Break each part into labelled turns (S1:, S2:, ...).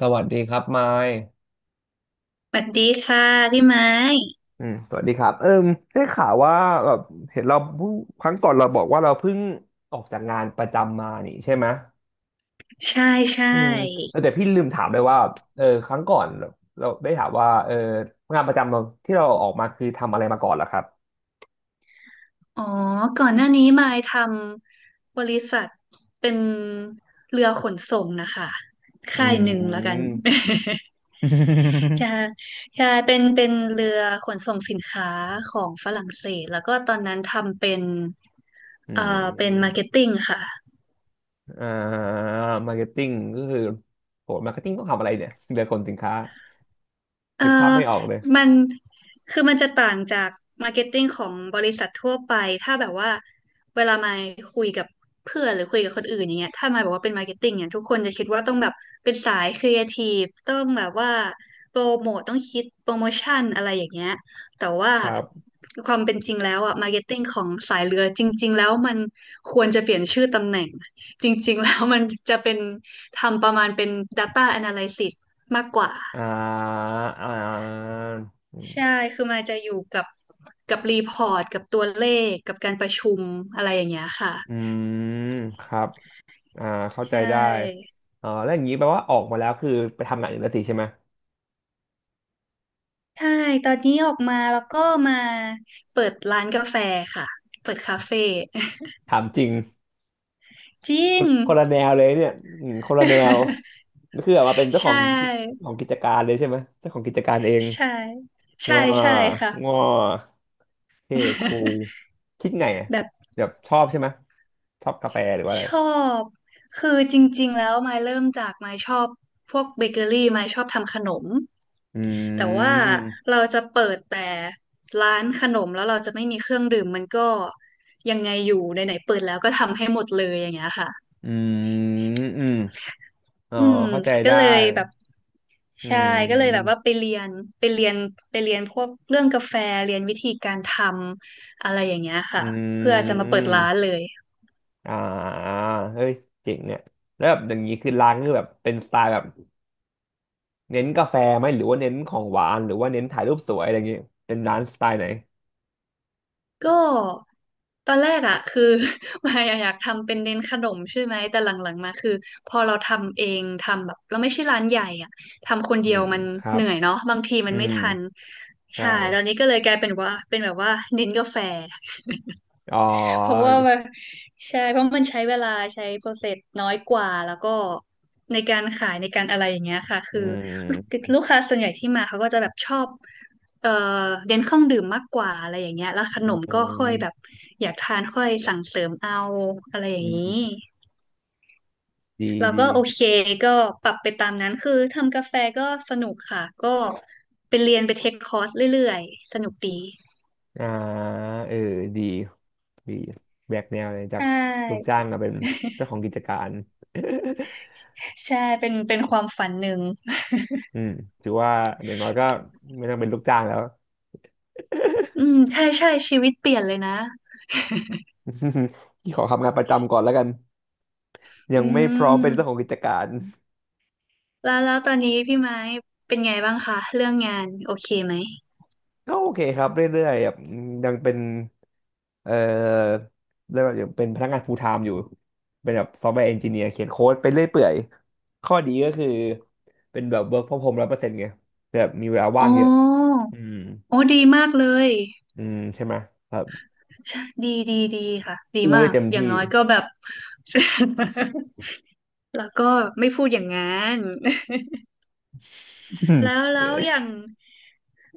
S1: สวัสดีครับไมค์
S2: สวัสดีค่ะพี่ไม้
S1: อืมสวัสดีครับเอิ่มได้ข่าวว่าแบบเห็นเราเพิ่งครั้งก่อนเราบอกว่าเราเพิ่งออกจากงานประจำมานี่ใช่ไหม
S2: ใช่ใช่
S1: อืมแล้วแต่พี่ลืมถามเลยว่าเออครั้งก่อนเราได้ถามว่าเอองานประจำเราที่เราออกมาคือทำอะไรมาก่อนเหรอครับ
S2: อ๋อก่อนหน้านี้ไม้ทำบริษัทเป็นเรือขนส่งนะคะ
S1: อื
S2: ค่ายหนึ่งแล้วกัน
S1: ม
S2: ใช่ใช่เป็นเรือขนส่งสินค้าของฝรั่งเศสแล้วก็ตอนนั้นทำเป็น
S1: อื
S2: เอ่อเป็นมา
S1: ม
S2: ร์เก็ตติ้งค่ะ
S1: อ่ามาร์เก็ตติ้งก็คือโหมาร์เก็ตติ้งต้องทำอะไรเนี่ยเดือคนสินค้า
S2: เอ
S1: นึกภาพ
S2: อ
S1: ไม่ออกเลย
S2: มัน คือมันจะต่างจาก มาร์เก็ตติ้งของบริษัททั่วไปถ้าแบบว่า เวลามาคุยกับเพื่อนหรือคุยกับคนอื่นอย่างเงี้ยถ้ามาบอกว่าเป็นมาร์เก็ตติ้งเนี่ยทุกคนจะคิดว่าต้องแบบ เป็นสายครีเอทีฟต้องแบบว่า โปรโมทต้องคิด โปรโมชั่นอะไรอย่างเงี้ยแต่ว่า
S1: ครับ
S2: ความเป็นจริงแล้วอะมาร์เก็ตติ้งของสายเรือ จริงๆแล้วมัน ควรจะเปลี่ยนชื่อตำแหน่งจริงๆแล้วมันจะเป็นทำประมาณเป็น Data Analysis มากกว่า
S1: อ่าอ่า
S2: ใช่ คือมันจะอยู่กับกับรีพอร์ตกับตัวเลขกับการประชุมอะไรอย่างเงี้ยค่ะ
S1: อืมครับอ่าเข้า
S2: ใช
S1: ใจได้
S2: ่
S1: อ๋อแล้วอย่างนี้แปลว่าออกมาแล้วคือไปทำงานอื่นแล้วสิใช่ไหม
S2: ใช่ตอนนี้ออกมาแล้วก็มาเปิดร้านกาแฟค่ะเปิดคาเฟ่
S1: ถามจริง
S2: จริง
S1: คนละแนวเลยเนี่ยอืมคนละแนวนี่คือออกมาเป็นเจ้าข
S2: ใช
S1: อง
S2: ่
S1: ของกิจการเลยใช่ไหมเจ้าของกิจการเอง
S2: ใช่
S1: ง้
S2: ใช่
S1: อ
S2: ใช่ค่ะ
S1: งอเท่คูล คิดไงอะ
S2: แบบ
S1: แบบชอบใช่ไหมชอบกาแฟหรือว่าอะไร
S2: ชอบคือจริงๆแล้วมายเริ่มจากมายชอบพวกเบเกอรี่มายชอบทำขนม
S1: อื
S2: แต่ว่า
S1: ม
S2: เราจะเปิดแต่ร้านขนมแล้วเราจะไม่มีเครื่องดื่มมันก็ยังไงอยู่ไหนๆเปิดแล้วก็ทำให้หมดเลยอย่างเงี้ยค่ะ
S1: อืมอืมอ๋อ
S2: อืม
S1: เข้าใจ
S2: ก็
S1: ได้
S2: เลยแบบ
S1: อื
S2: ใช่ก็เลยแบบ
S1: ม
S2: ว่าไปเรียนไปเรียนไปเรียนพวกเรื่องกาแฟเรียนวิธีการทำอะไรอย่างเงี้ย
S1: อ
S2: ค่ะเพื่อ
S1: ื
S2: จะมาเปิดร้าน
S1: ม
S2: เลย
S1: อ่าเฮ้ยเจ๋งเนี่ยแล้วแบบอย่างนี้คือร้านคือแบบเป็นสไตล์แบบเน้นกาแฟไหมหรือว่าเน้นของหวานหรือว่าเน้นถ่ายรูปสวยอะไรอย่างนี้เป็นร้านสไตล์ไหน
S2: ก็ตอนแรกอ่ะคือ มายอะอยากทำเป็นเน้นขนมใช่ไหมแต่หลังๆมาคือพอเราทำเองทำแบบเราไม่ใช่ร้านใหญ่อ่ะทำคน
S1: อื
S2: เดียว
S1: ม
S2: มัน
S1: ครั
S2: เห
S1: บ
S2: นื่อยเนาะบางทีมั
S1: อื
S2: นไม่
S1: ม
S2: ทัน
S1: ใช่
S2: ใช่ตอนนี้ก็เลยกลายเป็นว่าเป็นแบบว่าเน้นกาแฟ
S1: อ๋อ
S2: เพราะว่ามันใช่เพราะมันใช้เวลาใช้โปรเซสน้อยกว่าแล้วก็ในการขายในการอะไรอย่างเงี้ยค่ะ
S1: อื
S2: คือลู
S1: ม
S2: ลูกค้าส่วนใหญ่ที่มาเขาก็จะแบบชอบเอ่อเน้นเครื่องดื่มมากกว่าอะไรอย่างเงี้ยแล้วข
S1: อ
S2: นม
S1: ื
S2: ก็ค่อยแบบ
S1: ม
S2: อยากทานค่อยสั่งเสริมเอาอะไรอย่า
S1: อื
S2: งนี้
S1: มดี
S2: เรา
S1: ดี
S2: ก็โอเคก็ปรับไปตามนั้นคือทำกาแฟก็สนุกค่ะก็ไปเรียนไปเทคคอร์สเรื่อยๆสนุกดี
S1: อ่าเออดีดีแบกแนวเลยจา
S2: ใช
S1: กลูก
S2: ่
S1: จ้างมาเป็นเจ้าของกิจการ
S2: ใช่เป็นความฝันหนึ่ง
S1: อืมถือว่าอย่างน้อยก็ไม่ต้องเป็นลูกจ้างแล้ว
S2: อืมใช่ใช่ชีวิตเปลี่ยนเลยนะ
S1: ที่ขอทำงานประจำก่อนแล้วกัน ยั
S2: อื
S1: งไม่พร้อมเป็นเจ้าข
S2: ม
S1: องกิจการ
S2: แล้วแล้วตอนนี้พี่ไม้เป็นไงบ้างคะเรื่องงานโอเคไหม
S1: ก็โอเคครับเรื่อยๆแบบยังเป็นเอ่อเรียกว่ายังเป็นพนักงาน full time อยู่เป็นแบบ Software Engineer เขียนโค้ดไปเรื่อยเปื่อยข้อดีก็คือเป็นแบบ work from home 100%ไงแแบบมีเวลาว่า
S2: อ๋
S1: งเยอะ
S2: อ
S1: อืม
S2: โอ้ดีมากเลย
S1: อืมใช่ไหมครับ
S2: ใช่ดีดีดีค่ะดี
S1: อู้
S2: มา
S1: ได้
S2: ก
S1: เต็ม
S2: อย่าง
S1: ที่
S2: น้อยก็แบบ แล้วก็ไม่พูดอย่างงั้น แล้วแล้วอย่าง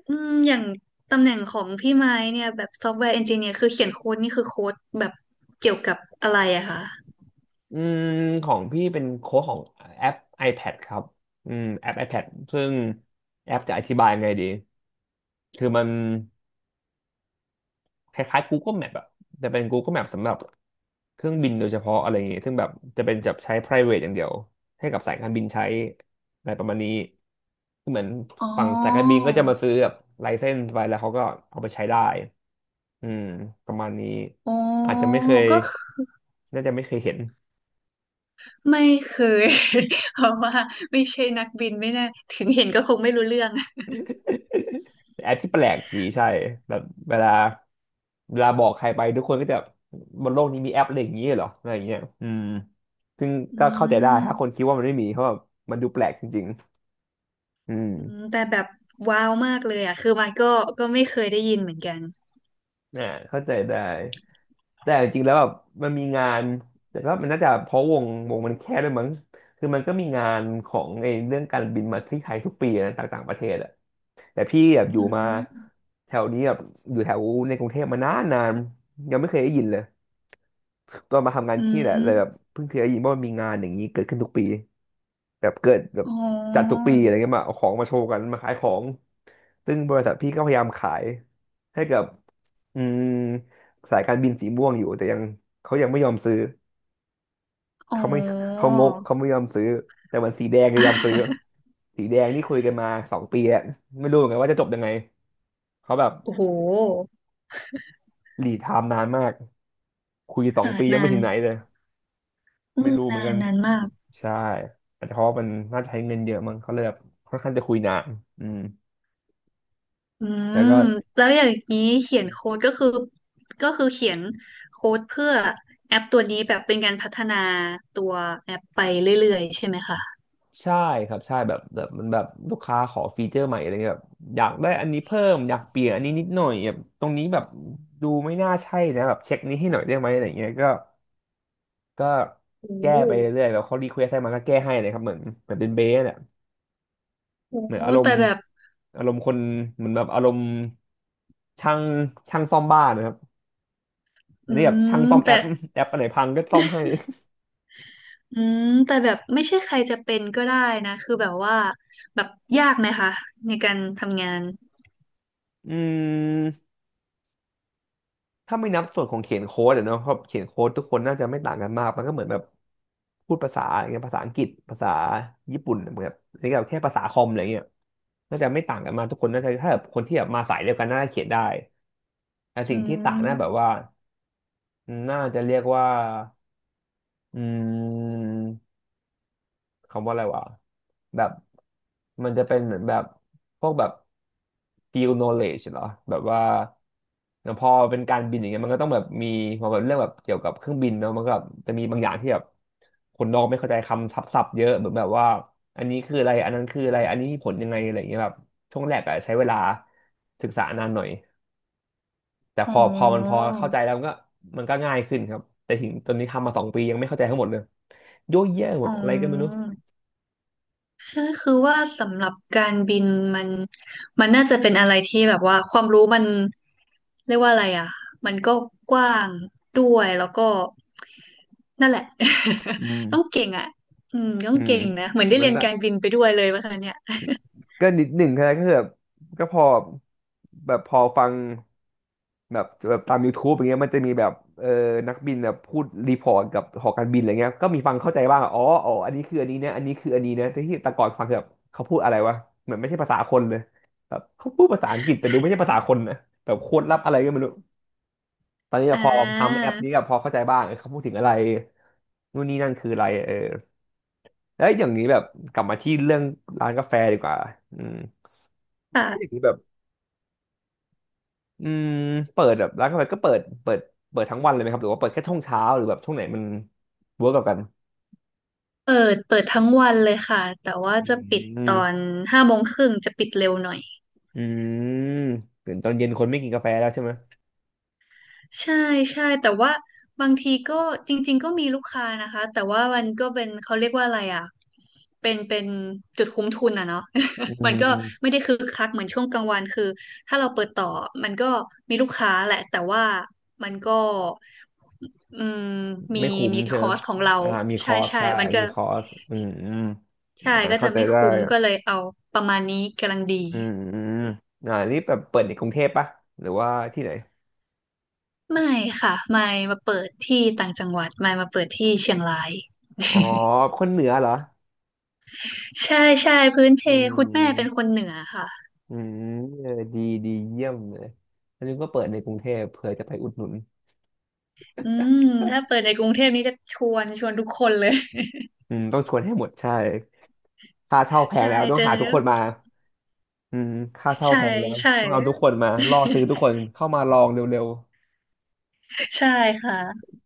S2: อืมอย่างตำแหน่งของพี่ไม้เนี่ยแบบซอฟต์แวร์เอนจิเนียร์คือเขียนโค้ดนี่คือโค้ดแบบเกี่ยวกับอะไรอะคะ
S1: อืมของพี่เป็นโค้ดของแอป iPad ครับอืมแอป iPad ซึ่งแอปจะอธิบายยังไงดีคือมัน คล้ายๆ Google Map อะแต่เป็น Google Map สำหรับเครื่องบินโดยเฉพาะอะไรอย่างเงี้ยซึ่งแบบจะเป็นจับใช้ private อย่างเดียวให้กับสายการบินใช้อะไรประมาณนี้คือเหมือน
S2: อ๋อ
S1: ฝั่งสายการบินก็จะมาซื้อแบบไลเซนส์ไว้แล้วเขาก็เอาไปใช้ได้อืมประมาณนี้
S2: อ๋อ
S1: อาจจะไม่เคย
S2: ก็
S1: น่าจะไม่เคยเห็น
S2: ไม่เคย เพราะว่าไม่ใช่นักบินไม่แน่าถึงเห็นก็คงไม่รู้เรื่อง
S1: แต่แอปที่แปลกดีใช่แบบเวลาเวลาบอกใครไปทุกคนก็จะบนโลกนี้มีแอปอะไรอย่างนี้เหรออะไรอย่างเงี้ยอืม ซึ่ง
S2: อื
S1: ก็เข้าใจได้ถ้าคน
S2: ม
S1: คิดว่ามันไม่มีเพราะแบบมันดูแปลกจริงๆอืม
S2: อืมแต่แบบว้าวมากเลยอ่ะคือมันก็ก็ไม่เคยได้ยินเหมือนกัน
S1: อ่าเข้าใจได้แต่จริงๆแล้วแบบมันมีงานแต่ก็มันน่าจะเพราะวงมันแคบด้วยมั้งคือมันก็มีงานของไอ้เรื่องการบินมาที่ไทยทุกปีนะต่างๆประเทศอะแต่พี่แบบอยู่
S2: อื
S1: มา
S2: ม
S1: แถวนี้แบบอยู่แถวในกรุงเทพมานานนานยังไม่เคยได้ยินเลยตอนมาทำงาน
S2: อื
S1: ที่แหละเลยแบบ
S2: ม
S1: เพิ่งเคยได้ยินว่ามันมีงานอย่างนี้เกิดขึ้นทุกปี แบบเกิดแบบ
S2: อ๋
S1: จัด
S2: อ
S1: ทุกปีอะไรเงี้ยมาเอาของมาโชว์กันมาขายของซึ่งบริษัทพี่ก็พยายามขายให้กับอืมสายการบินสีม่วงอยู่แต่ยังเขายังไม่ยอมซื้อ
S2: อ๋
S1: เขาไม่
S2: อ
S1: เขางกเขาไม่ยอมซื้อแต่มันสีแดงจะยอมซื้อ สีแดงนี่คุยกันมาสองปีแล้วไม่รู้เหมือนกันว่าจะจบยังไงเขาแบบ
S2: โอ้โห
S1: หลีดไทม์นานมากคุยสอง
S2: ค่ะ
S1: ปียัง
S2: นา
S1: ไม่
S2: น
S1: ถึงไหนเลย
S2: อื
S1: ไม่
S2: ม
S1: รู้เหมื
S2: นา
S1: อนกั
S2: น
S1: น
S2: นานมาก
S1: ใช่อาจจะเพราะว่ามันน่าจะใช้เงินเยอะมั้งเขาเลยแบบค่อนข้างจะคุยนานอืม
S2: อื
S1: แล้ว
S2: ม
S1: ก็
S2: แล้วอย่างนี้เขียนโค้ดก็คือก็คือเขียนโค้ดเพื่อแอปตัวนี้แบบเป็นการพัฒนาตัวแอปไปเรื่อยๆใช่ไหมคะ
S1: ใช่ครับใช่แบบแบบมันแบบลูกค้าขอฟีเจอร์ใหม่อะไรเงี้ยแบบอยากได้อันนี้เพิ่มอยากเปลี่ยนอันนี้นิดหน่อยแบบตรงนี้แบบดูไม่น่าใช่นะแบบเช็คนี้ให้หน่อยได้ไหมอะไรเงี้ยก็ก็
S2: โอ้
S1: แก้
S2: โห
S1: ไปเรื่อยๆแบบเขารีเควสให้มาก็แก้ให้เลยครับเหมือนเหมือนเป็นเบสเนี่ย
S2: โอ้
S1: เหมือ
S2: โห
S1: นอารม
S2: แต่
S1: ณ์
S2: แบบ
S1: อารมณ์คนเหมือนแบบอารมณ์ช่างช่างซ่อมบ้านนะครับอั
S2: อื
S1: นนี้แบบช่าง
S2: ม
S1: ซ่อมแอ
S2: แต่
S1: ปแอปอะไรพังก็ซ่อมให้
S2: อืมแต่แบบไม่ใช่ใครจะเป็นก็ได้นะคือแบบว่าแบบยากไหมคะในการทำงาน
S1: อืม ถ้าไม่นับส่วนของเขียนโค้ดอะเนาะเพราะเขียนโค้ดทุกคนน่าจะไม่ต่างกันมากมันก็เหมือนแบบพูดภาษาอย่างเงี้ยภาษาอังกฤษภาษาญี่ปุ่นเหมือนแบบนี่แบบแค่ภาษาคอมอะไรเงี้ยน่าจะไม่ต่างกันมากทุกคนน่าจะถ้าแบบคนที่แบบมาสายเดียวกันน่าจะเขียนได้แต่
S2: อื
S1: สิ่งที่ต่า
S2: ม
S1: งน่าแบบว่าน่าจะเรียกว่าอืม คำว่าอะไรวะแบบมันจะเป็นเหมือนแบบพวกแบบ field knowledge เหรอแบบว่าพอเป็นการบินอย่างเงี้ยมันก็ต้องแบบมีพอแบบเรื่องแบบเกี่ยวกับเครื่องบินเนาะมันก็แบบจะมีบางอย่างที่แบบคนนอกไม่เข้าใจคำศัพท์ๆเยอะเหมือนแบบว่าอันนี้คืออะไรอันนั้นคืออะไรอันนี้มีผลยังไงอะไรอย่างเงี้ยแบบช่วงแรกอะใช้เวลาศึกษานานหน่อยแต่พ
S2: อ๋อ
S1: อพอมันพอเข้าใจแล้วมันก็มันก็ง่ายขึ้นครับแต่ถึงตอนนี้ทำมา2 ปียังไม่เข้าใจทั้งหมดเลยโยเยอะหม
S2: อ๋
S1: ดอะไรก็ไม่รู้
S2: อใช่คือว่าสำหรับการบินมันมันน่าจะเป็นอะไรที่แบบว่าความรู้มันเรียกว่าอะไรอ่ะมันก็กว้างด้วยแล้วก็นั่นแหละ
S1: อื
S2: ต้อง
S1: ม
S2: เก่งอ่ะอืมต้อ
S1: อื
S2: ง
S1: ม
S2: เก่งนะเหมือนได้
S1: มั
S2: เรี
S1: น
S2: ยน
S1: ละ
S2: การบินไปด้วยเลยว่าคะเนี่ย
S1: ก็นิดหนึ่งแค่นั้นก็คือแบบก็พอแบบพอฟังแบบแบบตาม YouTube อย่างเงี้ยมันจะมีแบบเออนักบินแบบพูดรีพอร์ตกับหอการบินอะไรเงี้ยก็มีฟังเข้าใจบ้างอ๋ออ๋ออันนี้คืออันนี้นะอันนี้คืออันนี้นะแต่ที่แต่ก่อนฟังคือแบบเขาพูดอะไรวะเหมือนไม่ใช่ภาษาคนเลยแบบเขาพูดภาษาอังกฤษแต่ดูไม่ใช่ภาษาคนนะแบบโคตรลับอะไรก็ไม่รู้ตอนนี้
S2: อ่
S1: พอทำแอ
S2: า
S1: ปนี้ก็พอเข้าใจบ้างเออเขาพูดถึงอะไรนู่นนี่นั่นคืออะไรเออแล้วอย่างนี้แบบกลับมาที่เรื่องร้านกาแฟดีกว่าอืม แล้วอย่าง
S2: ค่ะ
S1: นี้แบบอืมเปิดแบบร้านกาแฟก็เปิดเปิดทั้งวันเลยไหมครับหรือว่าเปิดแค่ช่วงเช้าหรือแบบช่วงไหนมันเวิร์กกับกัน
S2: เปิดเปิดทั้งวันเลยค่ะแต่ว่าจะปิด
S1: อื
S2: ตอ
S1: ม
S2: น17:30จะปิดเร็วหน่อย
S1: อืมตื่นตอนเย็นคนไม่กินกาแฟแล้วใช่ไหม
S2: ใช่ใช่แต่ว่าบางทีก็จริงๆก็มีลูกค้านะคะแต่ว่ามันก็เป็นเขาเรียกว่าอะไรอ่ะเป็นจุดคุ้มทุนอ่ะเนาะ
S1: อื
S2: มันก็ไม่
S1: ม
S2: ได้คึกคักเหมือนช่วงกลางวันคือถ้าเราเปิดต่อมันก็มีลูกค้าแหละแต่ว่ามันก็อืมมี
S1: ไม่คุ้ม
S2: มี
S1: ใช่
S2: ค
S1: ไหม
S2: อร์สของเรา
S1: อ่ามีค
S2: ใช่
S1: อส
S2: ใช่
S1: ใช่
S2: มันก็
S1: มีคอสอืมอืม
S2: ใช่
S1: อ่า
S2: ก็จะ
S1: เข้าใจ
S2: ไม่
S1: ได้
S2: คุ้มก็เลยเอาประมาณนี้กำลังดี
S1: อืมอืมอ่านี่แบบเปิดในกรุงเทพปะหรือว่าที่ไหน
S2: ไม่ค่ะไม่มาเปิดที่ต่างจังหวัดไม่มาเปิดที่เชียงราย
S1: อ๋อคนเหนือเหรอ
S2: ใช่ใช่พื้นเพ
S1: อื
S2: คุณแม่เป็นค
S1: ม
S2: นเหนือค่ะ
S1: อืมเออดีดีเยี่ยมเลยแล้วนึกว่าเปิดในกรุงเทพเผื่อจะไปอุดหนุน
S2: อืมถ้าเปิดในกรุงเทพนี้จะชวนทุกคนเลย
S1: อืมต้องชวนให้หมดใช่ค่าเช่าแพ ง
S2: ใช่
S1: แล้วต้อง
S2: เจอ
S1: หาทุกคนมาอืมค่าเช่า
S2: ใช่
S1: แพงแล้ว
S2: ใช่
S1: ต้องเอาทุกคนมาล่อซื้อทุกคนเข้ามาลองเร็ว
S2: ใช่ค่ะ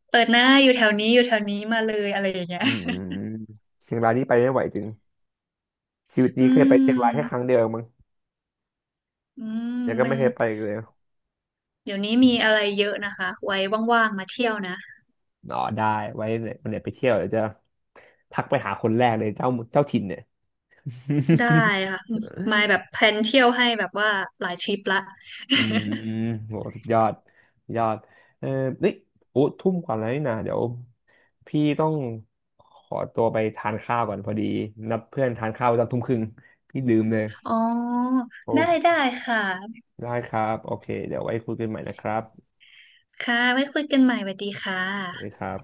S2: เปิดหน้าอยู่แถวนี้อยู่แถวนี้มาเลยอะไรอย่างเงี้
S1: ๆ
S2: ย
S1: อืมอื มอืมเชียงรายนี่ไปไม่ไหวจริงชีวิตนี้
S2: อื
S1: เคยไปเชียงรายแค่ครั้ง
S2: ม
S1: เดียวเองมั้ง
S2: อืม
S1: แล้วก็
S2: มั
S1: ไม่
S2: น
S1: เคยไปอีกเลย
S2: เดี๋ยวนี้มีอะไรเยอะนะคะไว้ว่างๆมาเที่ยวนะ
S1: อ๋อได้ไว้เนี่ยวันไหนไปเที่ยวเดี๋ยวจะทักไปหาคนแรกเลยเจ้าเจ้าถิ่นเนี่ย
S2: ได้ค่ะมา ยแบบแพลนเที่ยวให้แบบว่าหลายทริปละ
S1: อื มโหสุดยอดสุดยอดเออเฮ้ยโอ้ทุ่มกว่าแล้วนี่นะเดี๋ยวพี่ต้องขอตัวไปทานข้าวก่อนพอดีนัดเพื่อนทานข้าวตอนทุ่มครึ่งพี่ลืมเลย
S2: อ๋อ
S1: โอ
S2: ได้ได้
S1: ้
S2: ค่ะ
S1: ได้ครับโอเคเดี๋ยวไว้คุยกันใหม่นะครับ
S2: ค่ะไว้คุยกันใหม่สวัสดีค่ะ
S1: สวัสดีครับ